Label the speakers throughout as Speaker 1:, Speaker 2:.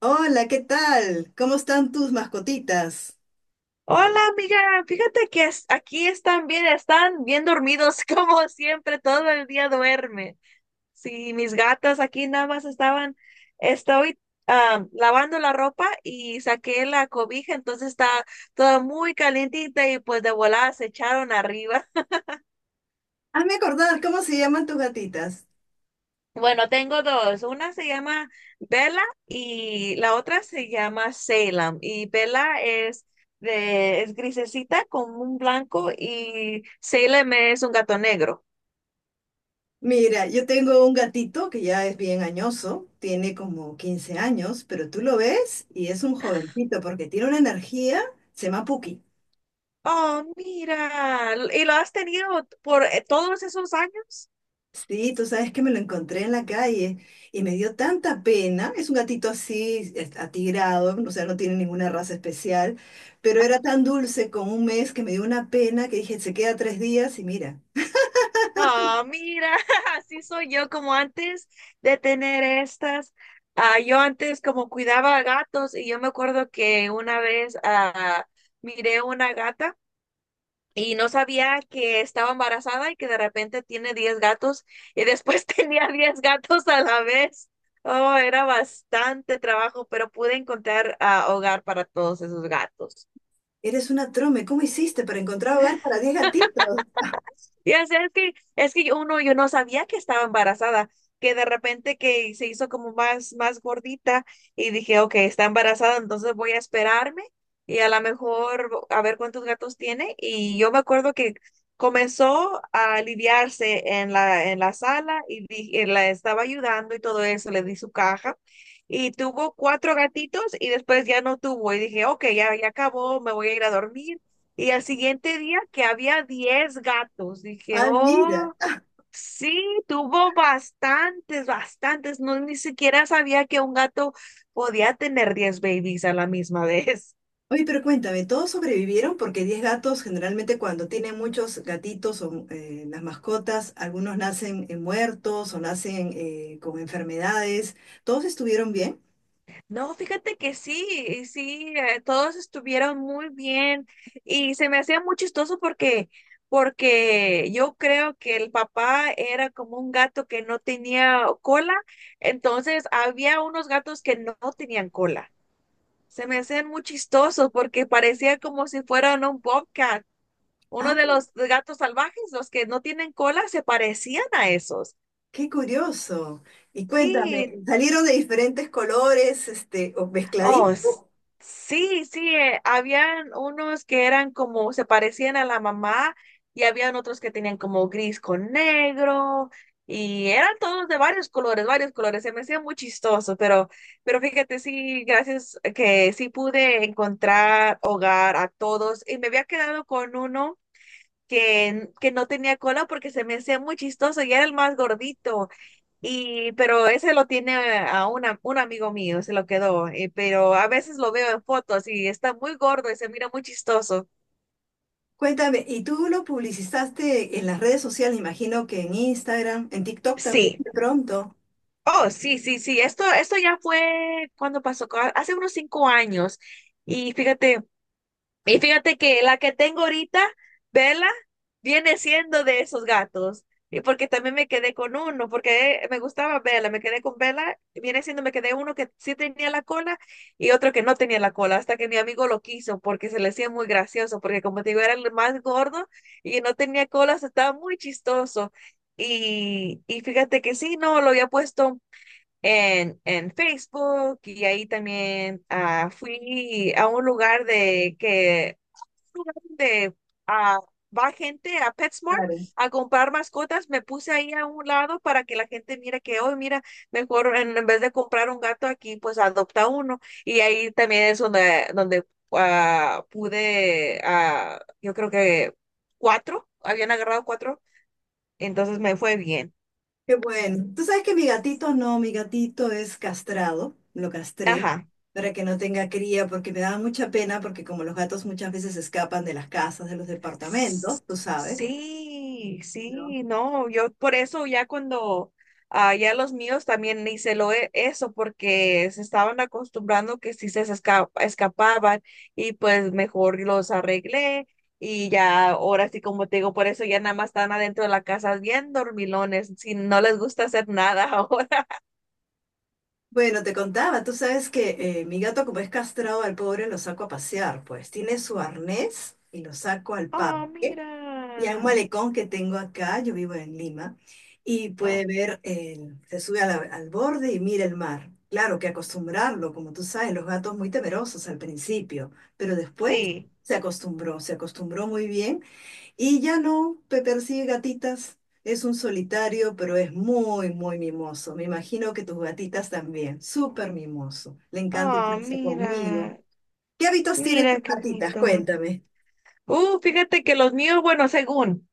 Speaker 1: Hola, ¿qué tal? ¿Cómo están tus mascotitas?
Speaker 2: Hola amiga, fíjate que aquí están bien dormidos como siempre, todo el día duermen. Sí, mis gatas aquí nada más estoy lavando la ropa y saqué la cobija, entonces está toda muy calientita y pues de volada se echaron arriba.
Speaker 1: Hazme acordar, ¿cómo se llaman tus gatitas?
Speaker 2: Bueno, tengo dos. Una se llama Bella y la otra se llama Salem. Y Bella es grisecita con un blanco y Salem es un gato negro.
Speaker 1: Mira, yo tengo un gatito que ya es bien añoso, tiene como 15 años, pero tú lo ves y es un jovencito porque tiene una energía, se llama Puki.
Speaker 2: Oh, mira. ¿Y lo has tenido por todos esos años?
Speaker 1: Sí, tú sabes que me lo encontré en la calle y me dio tanta pena. Es un gatito así, atigrado, o sea, no tiene ninguna raza especial, pero era tan dulce con 1 mes que me dio una pena que dije, se queda 3 días y mira.
Speaker 2: Ah, mira, así soy yo como antes de tener estas. Ah, yo antes como cuidaba gatos y yo me acuerdo que una vez miré una gata. Y no sabía que estaba embarazada y que de repente tiene 10 gatos y después tenía 10 gatos a la vez. Oh, era bastante trabajo, pero pude encontrar hogar para todos esos gatos.
Speaker 1: Eres una trome, ¿cómo hiciste para encontrar hogar para 10 gatitos?
Speaker 2: Ya sé, es que uno, yo no sabía que estaba embarazada, que de repente que se hizo como más gordita y dije, ok, está embarazada, entonces voy a esperarme y a lo mejor a ver cuántos gatos tiene. Y yo me acuerdo que comenzó a aliviarse en la sala y la estaba ayudando y todo eso, le di su caja y tuvo cuatro gatitos y después ya no tuvo y dije, ok, ya, ya acabó, me voy a ir a dormir y al siguiente día que había 10 gatos, dije,
Speaker 1: Ay, mira.
Speaker 2: oh, sí, tuvo bastantes, bastantes. No, ni siquiera sabía que un gato podía tener 10 babies a la misma vez.
Speaker 1: Oye, pero cuéntame, ¿todos sobrevivieron? Porque 10 gatos, generalmente cuando tienen muchos gatitos o las mascotas, algunos nacen muertos o nacen con enfermedades. ¿Todos estuvieron bien?
Speaker 2: No, fíjate que sí, y sí, todos estuvieron muy bien y se me hacía muy chistoso porque yo creo que el papá era como un gato que no tenía cola, entonces había unos gatos que no tenían cola. Se me hacían muy chistosos porque parecía como si fueran un bobcat.
Speaker 1: Ah,
Speaker 2: Uno de los gatos salvajes, los que no tienen cola, se parecían a esos.
Speaker 1: qué curioso. Y cuéntame,
Speaker 2: Sí,
Speaker 1: ¿salieron de diferentes colores, este, o
Speaker 2: oh,
Speaker 1: mezcladitos?
Speaker 2: sí, sí, habían unos que eran como, se parecían a la mamá y habían otros que tenían como gris con negro y eran todos de varios colores, varios colores. Se me hacía muy chistoso, pero fíjate, sí, gracias que sí pude encontrar hogar a todos y me había quedado con uno que no tenía cola porque se me hacía muy chistoso y era el más gordito. Y, pero ese lo tiene un amigo mío, se lo quedó. Pero a veces lo veo en fotos y está muy gordo y se mira muy chistoso.
Speaker 1: Cuéntame, ¿y tú lo publicizaste en las redes sociales? Imagino que en Instagram, en TikTok también,
Speaker 2: Sí.
Speaker 1: de pronto.
Speaker 2: Oh, sí, sí, sí. Esto ya fue cuando pasó, hace unos 5 años. Y fíjate. Y fíjate que la que tengo ahorita, Vela, viene siendo de esos gatos. Y porque también me quedé con uno, porque me gustaba Vela, me quedé con Vela, viene siendo, me quedé uno que sí tenía la cola y otro que no tenía la cola, hasta que mi amigo lo quiso porque se le hacía muy gracioso, porque como te digo, era el más gordo y no tenía cola, se estaba muy chistoso. Y fíjate que sí, no, lo había puesto en Facebook y ahí también fui a un lugar de que lugar donde ah, va gente a PetSmart
Speaker 1: Claro.
Speaker 2: a comprar mascotas, me puse ahí a un lado para que la gente mire que hoy, mira, mejor en vez de comprar un gato aquí, pues adopta uno. Y ahí también es donde pude, yo creo que habían agarrado cuatro, entonces me fue bien.
Speaker 1: Qué bueno. Tú sabes que mi gatito no, mi gatito es castrado, lo castré
Speaker 2: Ajá.
Speaker 1: para que no tenga cría porque me daba mucha pena porque como los gatos muchas veces escapan de las casas, de los
Speaker 2: S-
Speaker 1: departamentos, tú sabes,
Speaker 2: Sí,
Speaker 1: ¿no?
Speaker 2: sí, no, yo por eso ya cuando ya los míos también hice lo eso porque se estaban acostumbrando que si se escapaban y pues mejor los arreglé y ya ahora sí como te digo, por eso ya nada más están adentro de la casa bien dormilones, si no les gusta hacer nada ahora.
Speaker 1: Bueno, te contaba, tú sabes que mi gato como es castrado al pobre lo saco a pasear, pues tiene su arnés y lo saco al
Speaker 2: Oh,
Speaker 1: parque. Y hay un
Speaker 2: mira.
Speaker 1: malecón que tengo acá, yo vivo en Lima, y
Speaker 2: Ah,
Speaker 1: puede ver, el- se sube a la- al borde y mira el mar. Claro que acostumbrarlo, como tú sabes, los gatos muy temerosos al principio, pero después
Speaker 2: sí.
Speaker 1: se acostumbró muy bien y ya no persigue gatitas. Es un solitario, pero es muy, muy mimoso. Me imagino que tus gatitas también, súper mimoso. Le encanta
Speaker 2: Oh,
Speaker 1: echarse conmigo.
Speaker 2: mira.
Speaker 1: ¿Qué hábitos tiene tus
Speaker 2: Mira qué
Speaker 1: gatitas?
Speaker 2: bonito.
Speaker 1: Cuéntame.
Speaker 2: Fíjate que los míos, bueno, según,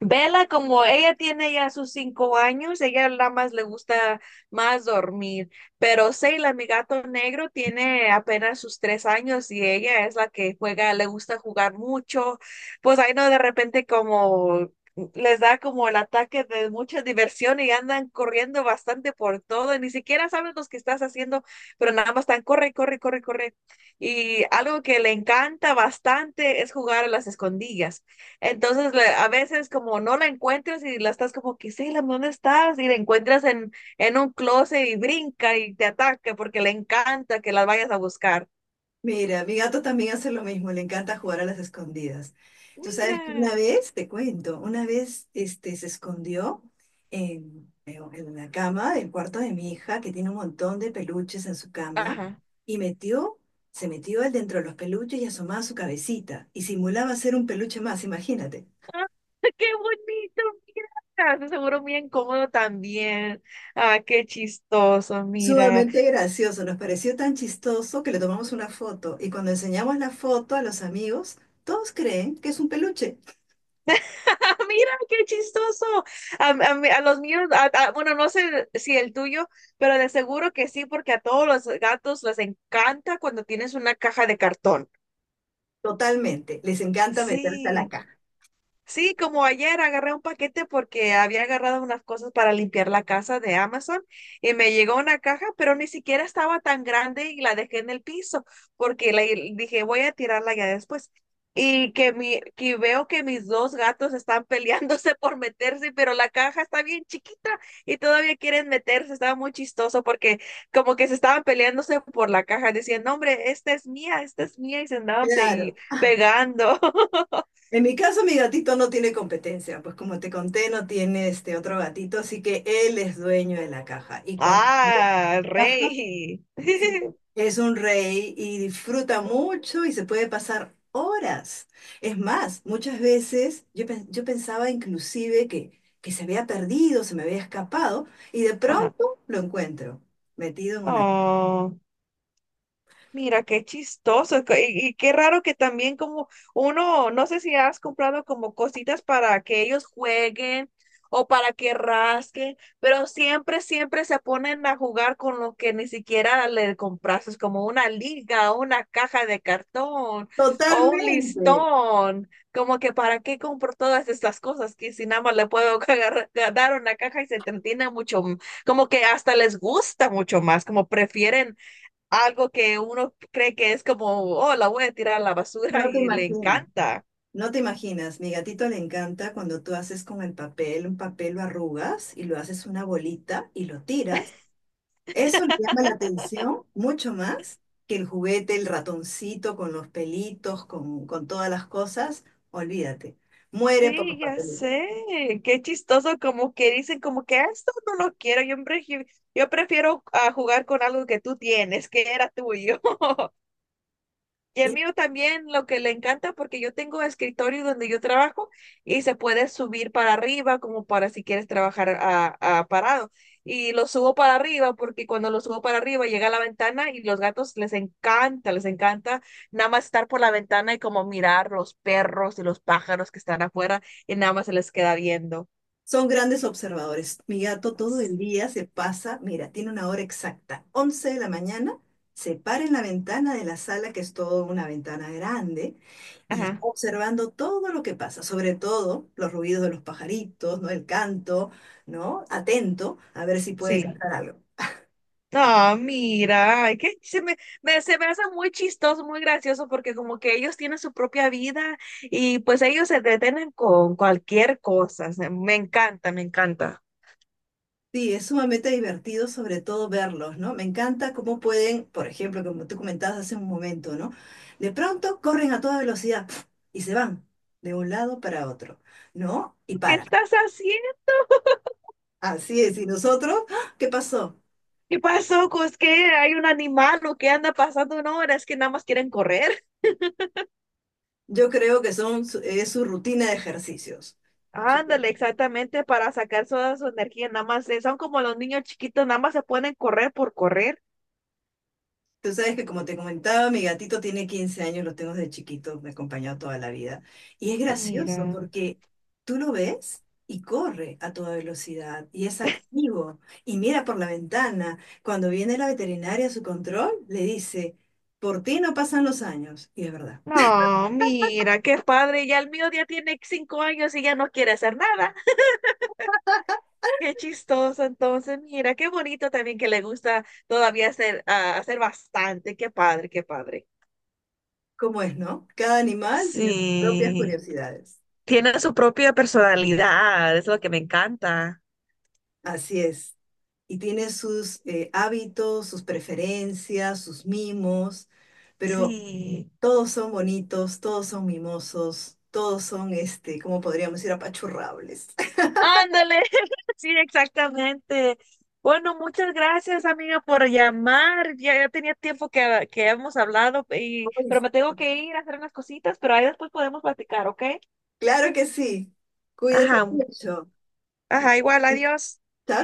Speaker 2: Vela, como ella tiene ya sus 5 años, ella nada más le gusta más dormir. Pero Seila, mi gato negro, tiene apenas sus 3 años y ella es la que juega, le gusta jugar mucho. Pues ahí no, de repente como les da como el ataque de mucha diversión y andan corriendo bastante por todo. Ni siquiera saben los que estás haciendo, pero nada más están corre, corre, corre, corre. Y algo que le encanta bastante es jugar a las escondillas. Entonces, a veces como no la encuentras y la estás como que, sí, ¿dónde estás? Y la encuentras en un closet y brinca y te ataca porque le encanta que las vayas a buscar.
Speaker 1: Mira, mi gato también hace lo mismo, le encanta jugar a las escondidas. Tú sabes que una
Speaker 2: Mira,
Speaker 1: vez, te cuento, una vez este, se escondió en la cama del cuarto de mi hija, que tiene un montón de peluches en su cama,
Speaker 2: ajá.
Speaker 1: y metió, se metió él dentro de los peluches y asomaba su cabecita, y simulaba ser un peluche más, imagínate.
Speaker 2: Ah, ¡Qué bonito! Mira, de seguro bien cómodo también. Ah, qué chistoso, mira.
Speaker 1: Sumamente gracioso, nos pareció tan chistoso que le tomamos una foto, y cuando enseñamos la foto a los amigos, todos creen que es un peluche.
Speaker 2: Mira, qué chistoso. A los míos, bueno, no sé si el tuyo, pero de seguro que sí, porque a todos los gatos les encanta cuando tienes una caja de cartón.
Speaker 1: Totalmente, les encanta meterse a la
Speaker 2: Sí,
Speaker 1: caja.
Speaker 2: sí, como ayer agarré un paquete porque había agarrado unas cosas para limpiar la casa de Amazon y me llegó una caja, pero ni siquiera estaba tan grande y la dejé en el piso porque dije voy a tirarla ya después. Que veo que mis dos gatos están peleándose por meterse, pero la caja está bien chiquita y todavía quieren meterse. Estaba muy chistoso porque como que se estaban peleándose por la caja, decían, no, hombre, esta es mía y se andaban
Speaker 1: Claro.
Speaker 2: pegando.
Speaker 1: En mi caso, mi gatito no tiene competencia, pues como te conté, no tiene este otro gatito, así que él es dueño de la caja. Y cuando tiene
Speaker 2: Ah, el
Speaker 1: caja,
Speaker 2: rey.
Speaker 1: sí, es un rey y disfruta mucho y se puede pasar horas. Es más, muchas veces yo, yo pensaba inclusive que se había perdido, se me había escapado, y de
Speaker 2: Ajá.
Speaker 1: pronto lo encuentro, metido en una caja.
Speaker 2: Oh. Mira, qué chistoso y qué raro que también como uno, no sé si has comprado como cositas para que ellos jueguen o para que rasquen, pero siempre, siempre se ponen a jugar con lo que ni siquiera le compraste, como una liga, una caja de cartón o un
Speaker 1: Totalmente,
Speaker 2: listón, como que para qué compro todas estas cosas que si nada más le puedo dar una caja y se entretiene mucho, como que hasta les gusta mucho más, como prefieren algo que uno cree que es como, oh, la voy a tirar a la basura
Speaker 1: no te
Speaker 2: y le
Speaker 1: imaginas.
Speaker 2: encanta.
Speaker 1: No te imaginas, mi gatito le encanta cuando tú haces con el papel, un papel lo arrugas y lo haces una bolita y lo tiras. Eso le llama la atención mucho más que el juguete, el ratoncito con los pelitos, con todas las cosas. Olvídate, muere por
Speaker 2: Sí,
Speaker 1: los
Speaker 2: ya
Speaker 1: papelitos.
Speaker 2: sé, qué chistoso, como que dicen como que "Ah, esto no lo quiero, yo prefiero jugar con algo que tú tienes, que era tuyo." Y el
Speaker 1: Y
Speaker 2: mío también lo que le encanta porque yo tengo escritorio donde yo trabajo y se puede subir para arriba como para si quieres trabajar a parado. Y lo subo para arriba porque cuando lo subo para arriba llega a la ventana y los gatos les encanta nada más estar por la ventana y como mirar los perros y los pájaros que están afuera y nada más se les queda viendo.
Speaker 1: son grandes observadores. Mi gato todo el día se pasa, mira, tiene una hora exacta, 11 de la mañana, se para en la ventana de la sala, que es toda una ventana grande, y está
Speaker 2: Ajá,
Speaker 1: observando todo lo que pasa, sobre todo los ruidos de los pajaritos, ¿no? El canto, ¿no? Atento a ver si puede
Speaker 2: sí.
Speaker 1: cantar algo.
Speaker 2: Ah, mira, ay, que se me hace muy chistoso, muy gracioso, porque como que ellos tienen su propia vida y pues ellos se detienen con cualquier cosa. Me encanta, me encanta.
Speaker 1: Sí, es sumamente divertido sobre todo verlos, ¿no? Me encanta cómo pueden, por ejemplo, como tú comentabas hace un momento, ¿no? De pronto corren a toda velocidad ¡puf! Y se van de un lado para otro, ¿no? Y
Speaker 2: ¿Qué
Speaker 1: paran.
Speaker 2: estás haciendo?
Speaker 1: Así es, y nosotros, ¡ah! ¿Qué pasó?
Speaker 2: ¿Qué pasó? ¿Cos qué? ¿Hay un animal o qué anda pasando? No, es que nada más quieren correr.
Speaker 1: Yo creo que son, es su rutina de ejercicios.
Speaker 2: Ándale, exactamente, para sacar toda su energía, nada más, son como los niños chiquitos, nada más se pueden correr por correr.
Speaker 1: Tú sabes que como te comentaba, mi gatito tiene 15 años, lo tengo desde chiquito, me ha acompañado toda la vida. Y es gracioso
Speaker 2: Mira.
Speaker 1: porque tú lo ves y corre a toda velocidad y es activo y mira por la ventana. Cuando viene la veterinaria a su control, le dice, por ti no pasan los años. Y es verdad.
Speaker 2: No, mira, qué padre, ya el mío ya tiene 5 años y ya no quiere hacer nada. Qué chistoso, entonces, mira, qué bonito también que le gusta todavía hacer bastante. Qué padre, qué padre.
Speaker 1: ¿Cómo es, no? Cada animal tiene sus propias
Speaker 2: Sí,
Speaker 1: curiosidades.
Speaker 2: tiene su propia personalidad, es lo que me encanta.
Speaker 1: Así es. Y tiene sus hábitos, sus preferencias, sus mimos, pero...
Speaker 2: Sí.
Speaker 1: Todos son bonitos, todos son mimosos, todos son, este, ¿cómo podríamos decir? Apachurrables.
Speaker 2: Ándale, sí, exactamente. Bueno, muchas gracias, amiga, por llamar. Ya tenía tiempo que hemos hablado,
Speaker 1: Ay,
Speaker 2: pero me tengo
Speaker 1: sí.
Speaker 2: que ir a hacer unas cositas, pero ahí después podemos platicar, ¿ok?
Speaker 1: Claro que sí. Cuídate
Speaker 2: Ajá,
Speaker 1: mucho.
Speaker 2: ajá, igual, adiós.
Speaker 1: ¿Está?